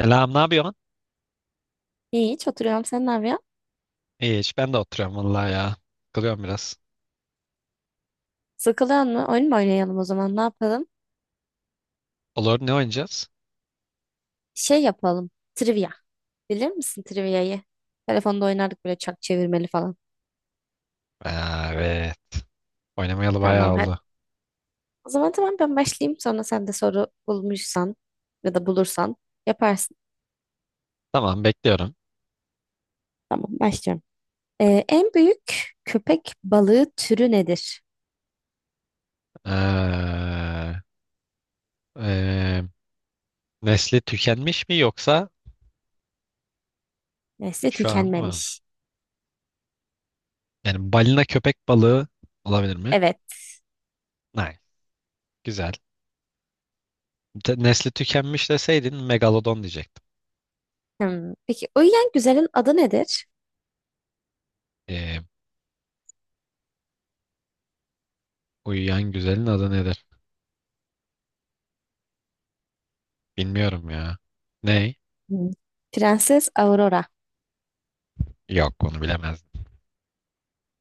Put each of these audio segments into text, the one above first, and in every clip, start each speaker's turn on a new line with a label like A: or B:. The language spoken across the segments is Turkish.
A: Selam, ne yapıyorsun?
B: İyi, hiç oturuyorum. Sen ne yapıyorsun?
A: İyi, hiç ben de oturuyorum vallahi ya. Kılıyorum biraz.
B: Sıkılıyor mu? Oyun mu oynayalım o zaman? Ne yapalım?
A: Olur, ne oynayacağız?
B: Şey yapalım. Trivia. Bilir misin trivia'yı? Telefonda oynardık böyle çak çevirmeli falan.
A: Aa, evet, oynamayalı
B: Tamam.
A: bayağı
B: tamam. Hadi.
A: oldu.
B: O zaman tamam ben başlayayım. Sonra sen de soru bulmuşsan ya da bulursan yaparsın.
A: Tamam, bekliyorum.
B: Tamam başlıyorum. En büyük köpek balığı türü nedir?
A: Ee, e, Nesli tükenmiş mi yoksa
B: Nesli
A: şu an var mı?
B: tükenmemiş.
A: Yani balina köpek balığı olabilir mi?
B: Evet.
A: Hayır, güzel. Nesli tükenmiş deseydin megalodon diyecektim.
B: Hmm. Peki uyuyan güzelin adı nedir?
A: Ee, Uyuyan güzelin adı nedir? Bilmiyorum ya. Ney?
B: Hmm. Prenses Aurora.
A: Yok, onu bilemezdim.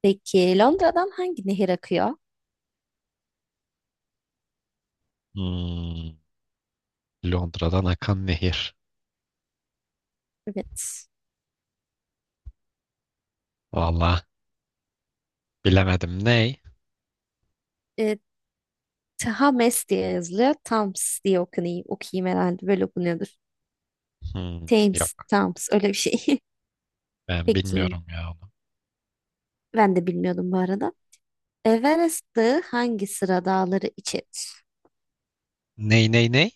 B: Peki Londra'dan hangi nehir akıyor?
A: Hmm, Londra'dan akan nehir.
B: Evet.
A: Vallahi. Bilemedim. Ney?
B: E, Thames diye yazılıyor. Thames diye okunuyor, okuyayım herhalde. Böyle okunuyordur.
A: Hmm, yok.
B: Thames, Thames öyle bir şey.
A: Ben
B: Peki
A: bilmiyorum ya onu.
B: ben de bilmiyordum bu arada. Everest Dağı hangi sıra dağları içerir?
A: Ney?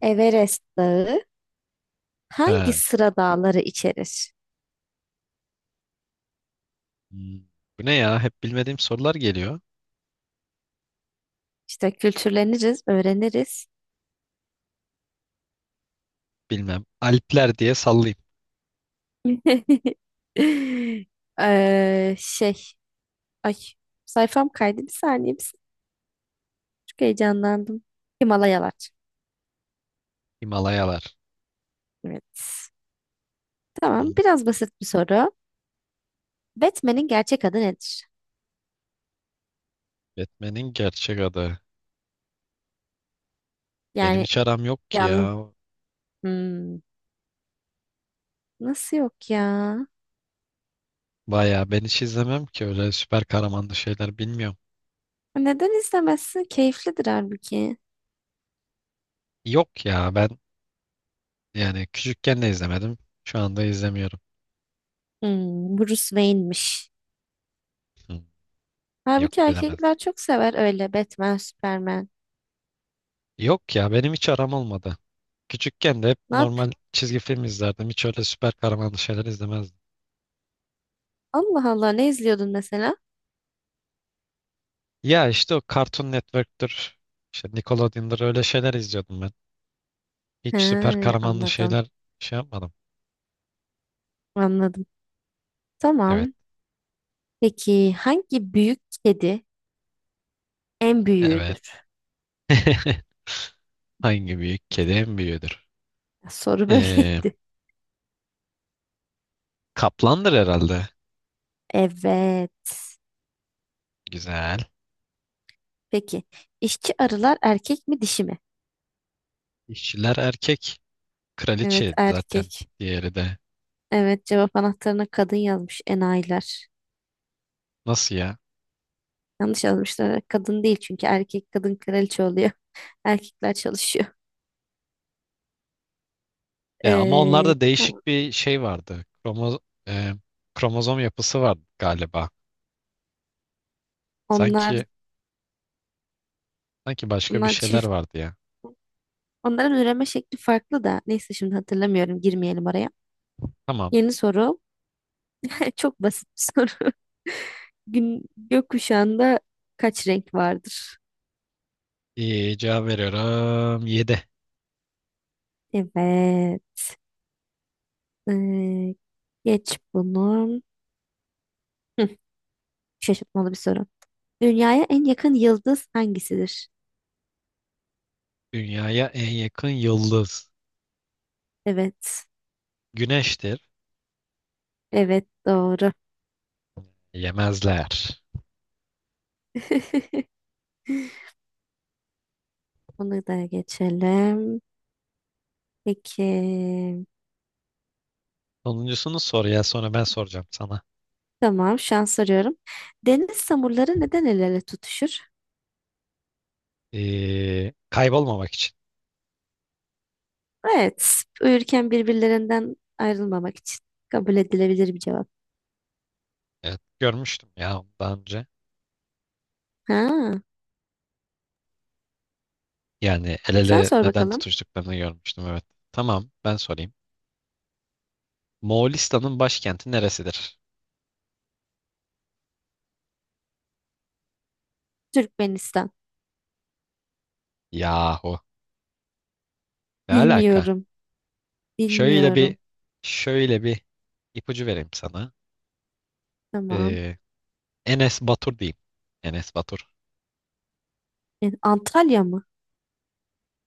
B: Everest Dağı hangi
A: Ha.
B: sıra dağları içerir?
A: Hmm. Bu ne ya? Hep bilmediğim sorular geliyor.
B: İşte kültürleniriz, öğreniriz.
A: Bilmem. Alpler diye sallayayım.
B: Ee, şey, ay sayfam kaydı bir saniye. Bir saniye. Çok heyecanlandım. Himalayalar.
A: Himalayalar.
B: Evet. Tamam,
A: Hmm.
B: biraz basit bir soru. Batman'in gerçek adı nedir?
A: Batman'in gerçek adı. Benim
B: Yani
A: hiç aram yok ki
B: yan.
A: ya.
B: Hmm, nasıl yok ya?
A: Baya ben hiç izlemem ki öyle süper kahramanlı şeyler bilmiyorum.
B: Neden izlemezsin? Keyiflidir halbuki.
A: Yok ya ben, yani küçükken de izlemedim. Şu anda izlemiyorum.
B: Hmm, Bruce Wayne'miş.
A: Hmm, yok
B: Halbuki
A: bilemez.
B: erkekler çok sever öyle Batman, Superman.
A: Yok ya benim hiç aram olmadı. Küçükken de hep
B: Ne yap?
A: normal çizgi film izlerdim. Hiç öyle süper kahramanlı şeyler izlemezdim.
B: Allah Allah ne izliyordun mesela?
A: Ya işte o Cartoon Network'tür. İşte Nickelodeon'dur, öyle şeyler izliyordum ben. Hiç süper
B: He,
A: kahramanlı
B: anladım.
A: şeyler şey yapmadım.
B: Anladım.
A: Evet.
B: Tamam. Peki hangi büyük kedi en
A: Evet.
B: büyüğüdür?
A: Hangi büyük kedi en büyüğüdür?
B: Soru
A: Ee,
B: böyleydi.
A: Kaplandır herhalde.
B: Evet.
A: Güzel.
B: Peki, işçi arılar erkek mi dişi mi?
A: İşçiler erkek.
B: Evet
A: Kraliçe zaten,
B: erkek.
A: diğeri de.
B: Evet cevap anahtarına kadın yazmış enayiler.
A: Nasıl ya?
B: Yanlış yazmışlar. Kadın değil çünkü erkek kadın kraliçe oluyor. Erkekler çalışıyor.
A: Ya ama onlarda
B: Tamam.
A: değişik bir şey vardı. E, Kromozom yapısı vardı galiba.
B: Onlar,
A: Sanki Sanki başka bir
B: onlar
A: şeyler
B: çift.
A: vardı ya.
B: Onların üreme şekli farklı da. Neyse şimdi hatırlamıyorum. Girmeyelim oraya.
A: Tamam.
B: Yeni soru. Çok basit bir soru. Gün, gökkuşağında kaç renk vardır?
A: İyi, cevap veriyorum. Yedi.
B: Evet. Ee, geç bunu. Hı, şaşırtmalı bir soru. Dünyaya en yakın yıldız hangisidir?
A: Dünyaya en yakın yıldız.
B: Evet.
A: Güneştir.
B: Evet doğru.
A: Yemezler.
B: Bunu da geçelim. Peki.
A: Sonuncusunu sor ya. Sonra ben soracağım sana.
B: Tamam şans soruyorum. Deniz samurları neden el ele tutuşur?
A: Kaybolmamak için.
B: Evet. Uyurken birbirlerinden ayrılmamak için. Kabul edilebilir bir cevap.
A: Evet, görmüştüm ya daha önce.
B: Ha,
A: Yani el
B: sen
A: ele
B: sor
A: neden
B: bakalım.
A: tutuştuklarını görmüştüm, evet. Tamam, ben sorayım. Moğolistan'ın başkenti neresidir?
B: Türkmenistan.
A: Yahu. Ne alaka?
B: Bilmiyorum.
A: Şöyle bir
B: Bilmiyorum.
A: şöyle bir ipucu vereyim sana.
B: Tamam.
A: Ee, Enes Batur diyeyim. Enes Batur.
B: Yani Antalya mı?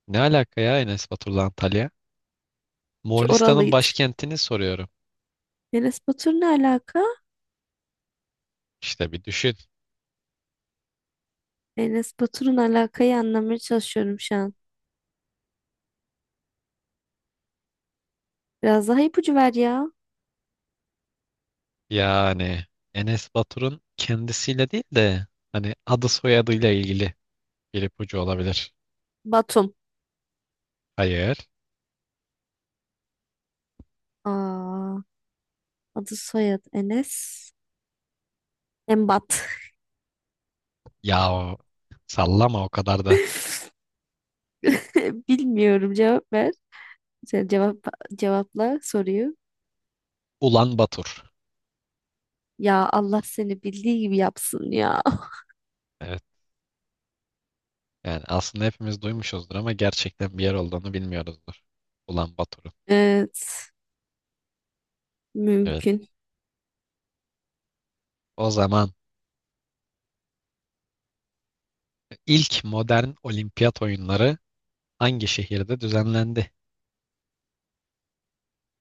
A: Ne alaka ya Enes Batur'la Antalya?
B: Ki
A: Moğolistan'ın
B: oralıydı.
A: başkentini soruyorum.
B: Enes Batur ne alaka?
A: İşte bir düşün.
B: Enes Batur'un alakayı anlamaya çalışıyorum şu an. Biraz daha ipucu ver ya.
A: Yani Enes Batur'un kendisiyle değil de hani adı soyadıyla ilgili bir ipucu olabilir.
B: Batum.
A: Hayır.
B: Aa. Adı soyadı Enes. Embat.
A: Ya o- Sallama o kadar da.
B: Bilmiyorum cevap ver. Sen cevapla soruyu.
A: Ulan Batur.
B: Ya Allah seni bildiği gibi yapsın ya.
A: Evet. Yani aslında hepimiz duymuşuzdur ama gerçekten bir yer olduğunu bilmiyoruzdur. Ulan Batur'un.
B: Evet.
A: Evet.
B: Mümkün.
A: O zaman ilk modern olimpiyat oyunları hangi şehirde düzenlendi?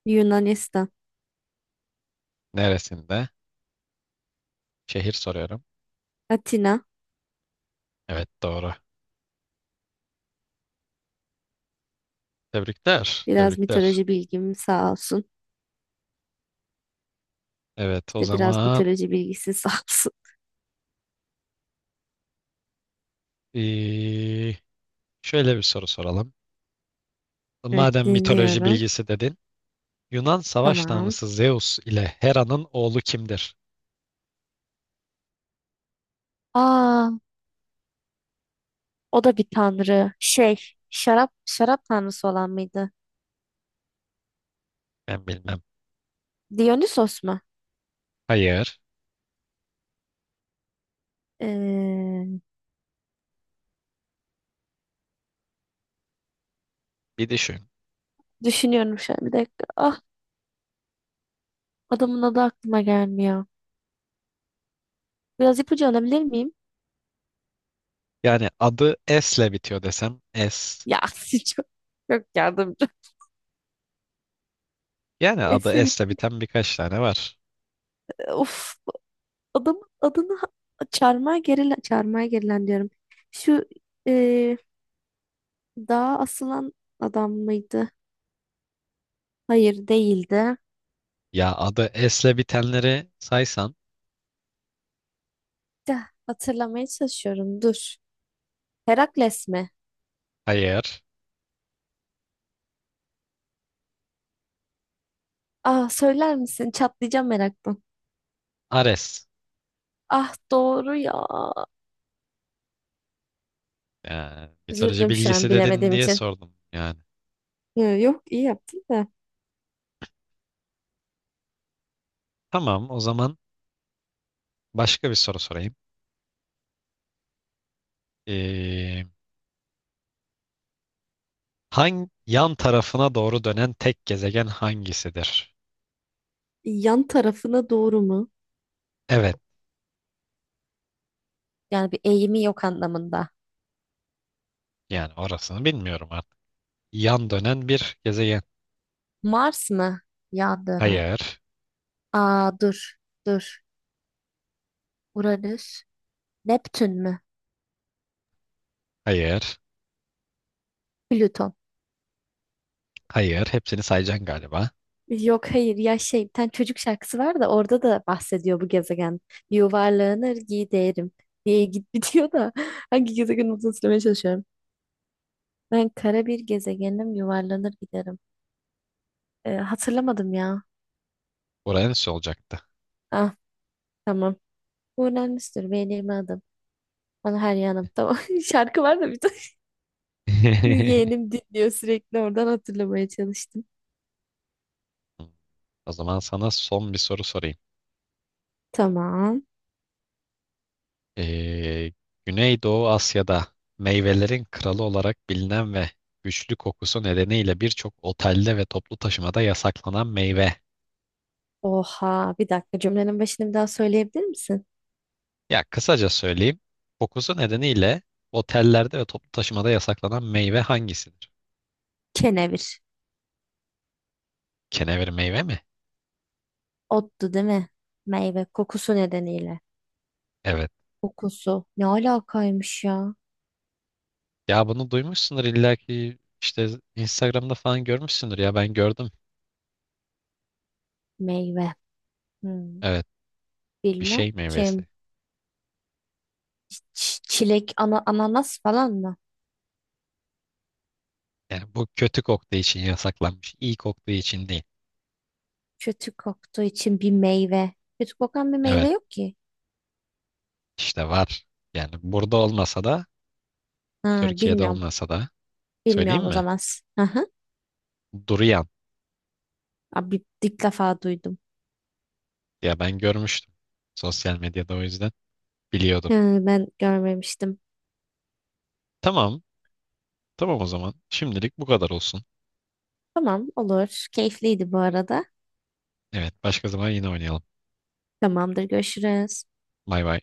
B: Yunanistan.
A: Neresinde? Şehir soruyorum.
B: Atina.
A: Evet, doğru. Tebrikler.
B: Biraz
A: Tebrikler.
B: mitoloji bilgim sağ olsun.
A: Evet o
B: İşte biraz
A: zaman
B: mitoloji bilgisi sağ olsun.
A: ee, şöyle bir soru soralım.
B: Evet
A: Madem mitoloji
B: dinliyorum.
A: bilgisi dedin. Yunan savaş
B: Tamam.
A: tanrısı Zeus ile Hera'nın oğlu kimdir?
B: Aa, o da bir tanrı. Şey, şarap tanrısı olan mıydı?
A: Ben bilmem.
B: Dionysos mu?
A: Hayır.
B: Ee,
A: Bir düşün.
B: düşünüyorum şu an bir dakika. Ah, adamın adı aklıma gelmiyor. Biraz ipucu alabilir miyim?
A: Yani adı S ile bitiyor desem, S.
B: Ya çok yardımcı.
A: Yani
B: Esle
A: adı S ile
B: bitti.
A: biten birkaç tane var.
B: Of, adamın adını çarmıha gerilen, çarmıha gerilen diyorum. Şu e, dağa asılan adam mıydı? Hayır değildi.
A: Ya adı S ile bitenleri saysan.
B: Ya, hatırlamaya çalışıyorum. Dur. Herakles mi?
A: Hayır.
B: Ah söyler misin? Çatlayacağım meraktan.
A: Ares.
B: Ah doğru ya.
A: Yani mitoloji
B: Üzüldüm şu an
A: bilgisi dedin
B: bilemediğim
A: diye
B: için.
A: sordum. Yani
B: Yok iyi yaptın da.
A: tamam, o zaman başka bir soru sorayım. Ee, Hangi yan tarafına doğru dönen tek gezegen hangisidir?
B: Yan tarafına doğru mu?
A: Evet,
B: Yani bir eğimi yok anlamında.
A: yani orasını bilmiyorum artık. Yan dönen bir gezegen.
B: Mars mı? Yan dönen.
A: Hayır,
B: Aa dur. Dur. Uranüs. Neptün mü?
A: hayır,
B: Plüton.
A: hayır. Hepsini sayacaksın galiba.
B: Yok hayır ya şey bir tane çocuk şarkısı var da orada da bahsediyor bu gezegen. Yuvarlanır giderim diye git bitiyor da hangi gezegen olduğunu söylemeye çalışıyorum. Ben kara bir gezegenim yuvarlanır giderim. Hatırlamadım ya.
A: Uranüs olacaktı.
B: Ah tamam. Uranüs'tür benim adım. Bana her yanım. Tamam. Şarkı var da bir de. Yeğenim dinliyor sürekli oradan hatırlamaya çalıştım.
A: O zaman sana son bir soru sorayım.
B: Tamam.
A: Ee, Güneydoğu Asya'da meyvelerin kralı olarak bilinen ve güçlü kokusu nedeniyle birçok otelde ve toplu taşımada yasaklanan meyve.
B: Oha bir dakika cümlenin başını bir daha söyleyebilir misin?
A: Ya kısaca söyleyeyim. Kokusu nedeniyle otellerde ve toplu taşımada yasaklanan meyve hangisidir?
B: Kenevir.
A: Kenevir meyve mi?
B: Ottu değil mi? Meyve kokusu nedeniyle.
A: Evet.
B: Kokusu. Ne alakaymış ya?
A: Ya bunu duymuşsundur illa ki, işte Instagram'da falan görmüşsündür, ya ben gördüm.
B: Meyve. Hmm,
A: Evet, bir
B: bilmem.
A: şey
B: Kim?
A: meyvesi.
B: Çilek, ana ananas falan mı?
A: Yani bu kötü koktuğu için yasaklanmış, iyi koktuğu için değil.
B: Kötü koktuğu için bir meyve. Kötü kokan bir meyve
A: Evet
B: yok ki.
A: işte var. Yani burada olmasa da
B: Ha,
A: Türkiye'de
B: bilmiyorum.
A: olmasa da söyleyeyim
B: Bilmiyorum o
A: mi?
B: zaman. Hı hı.
A: Durian.
B: Abi ilk defa duydum.
A: Ya ben görmüştüm. Sosyal medyada, o yüzden biliyordum.
B: Hı, ben görmemiştim.
A: Tamam. Tamam o zaman. Şimdilik bu kadar olsun.
B: Tamam olur. Keyifliydi bu arada.
A: Evet, başka zaman yine oynayalım.
B: Tamamdır görüşürüz.
A: Bay bay.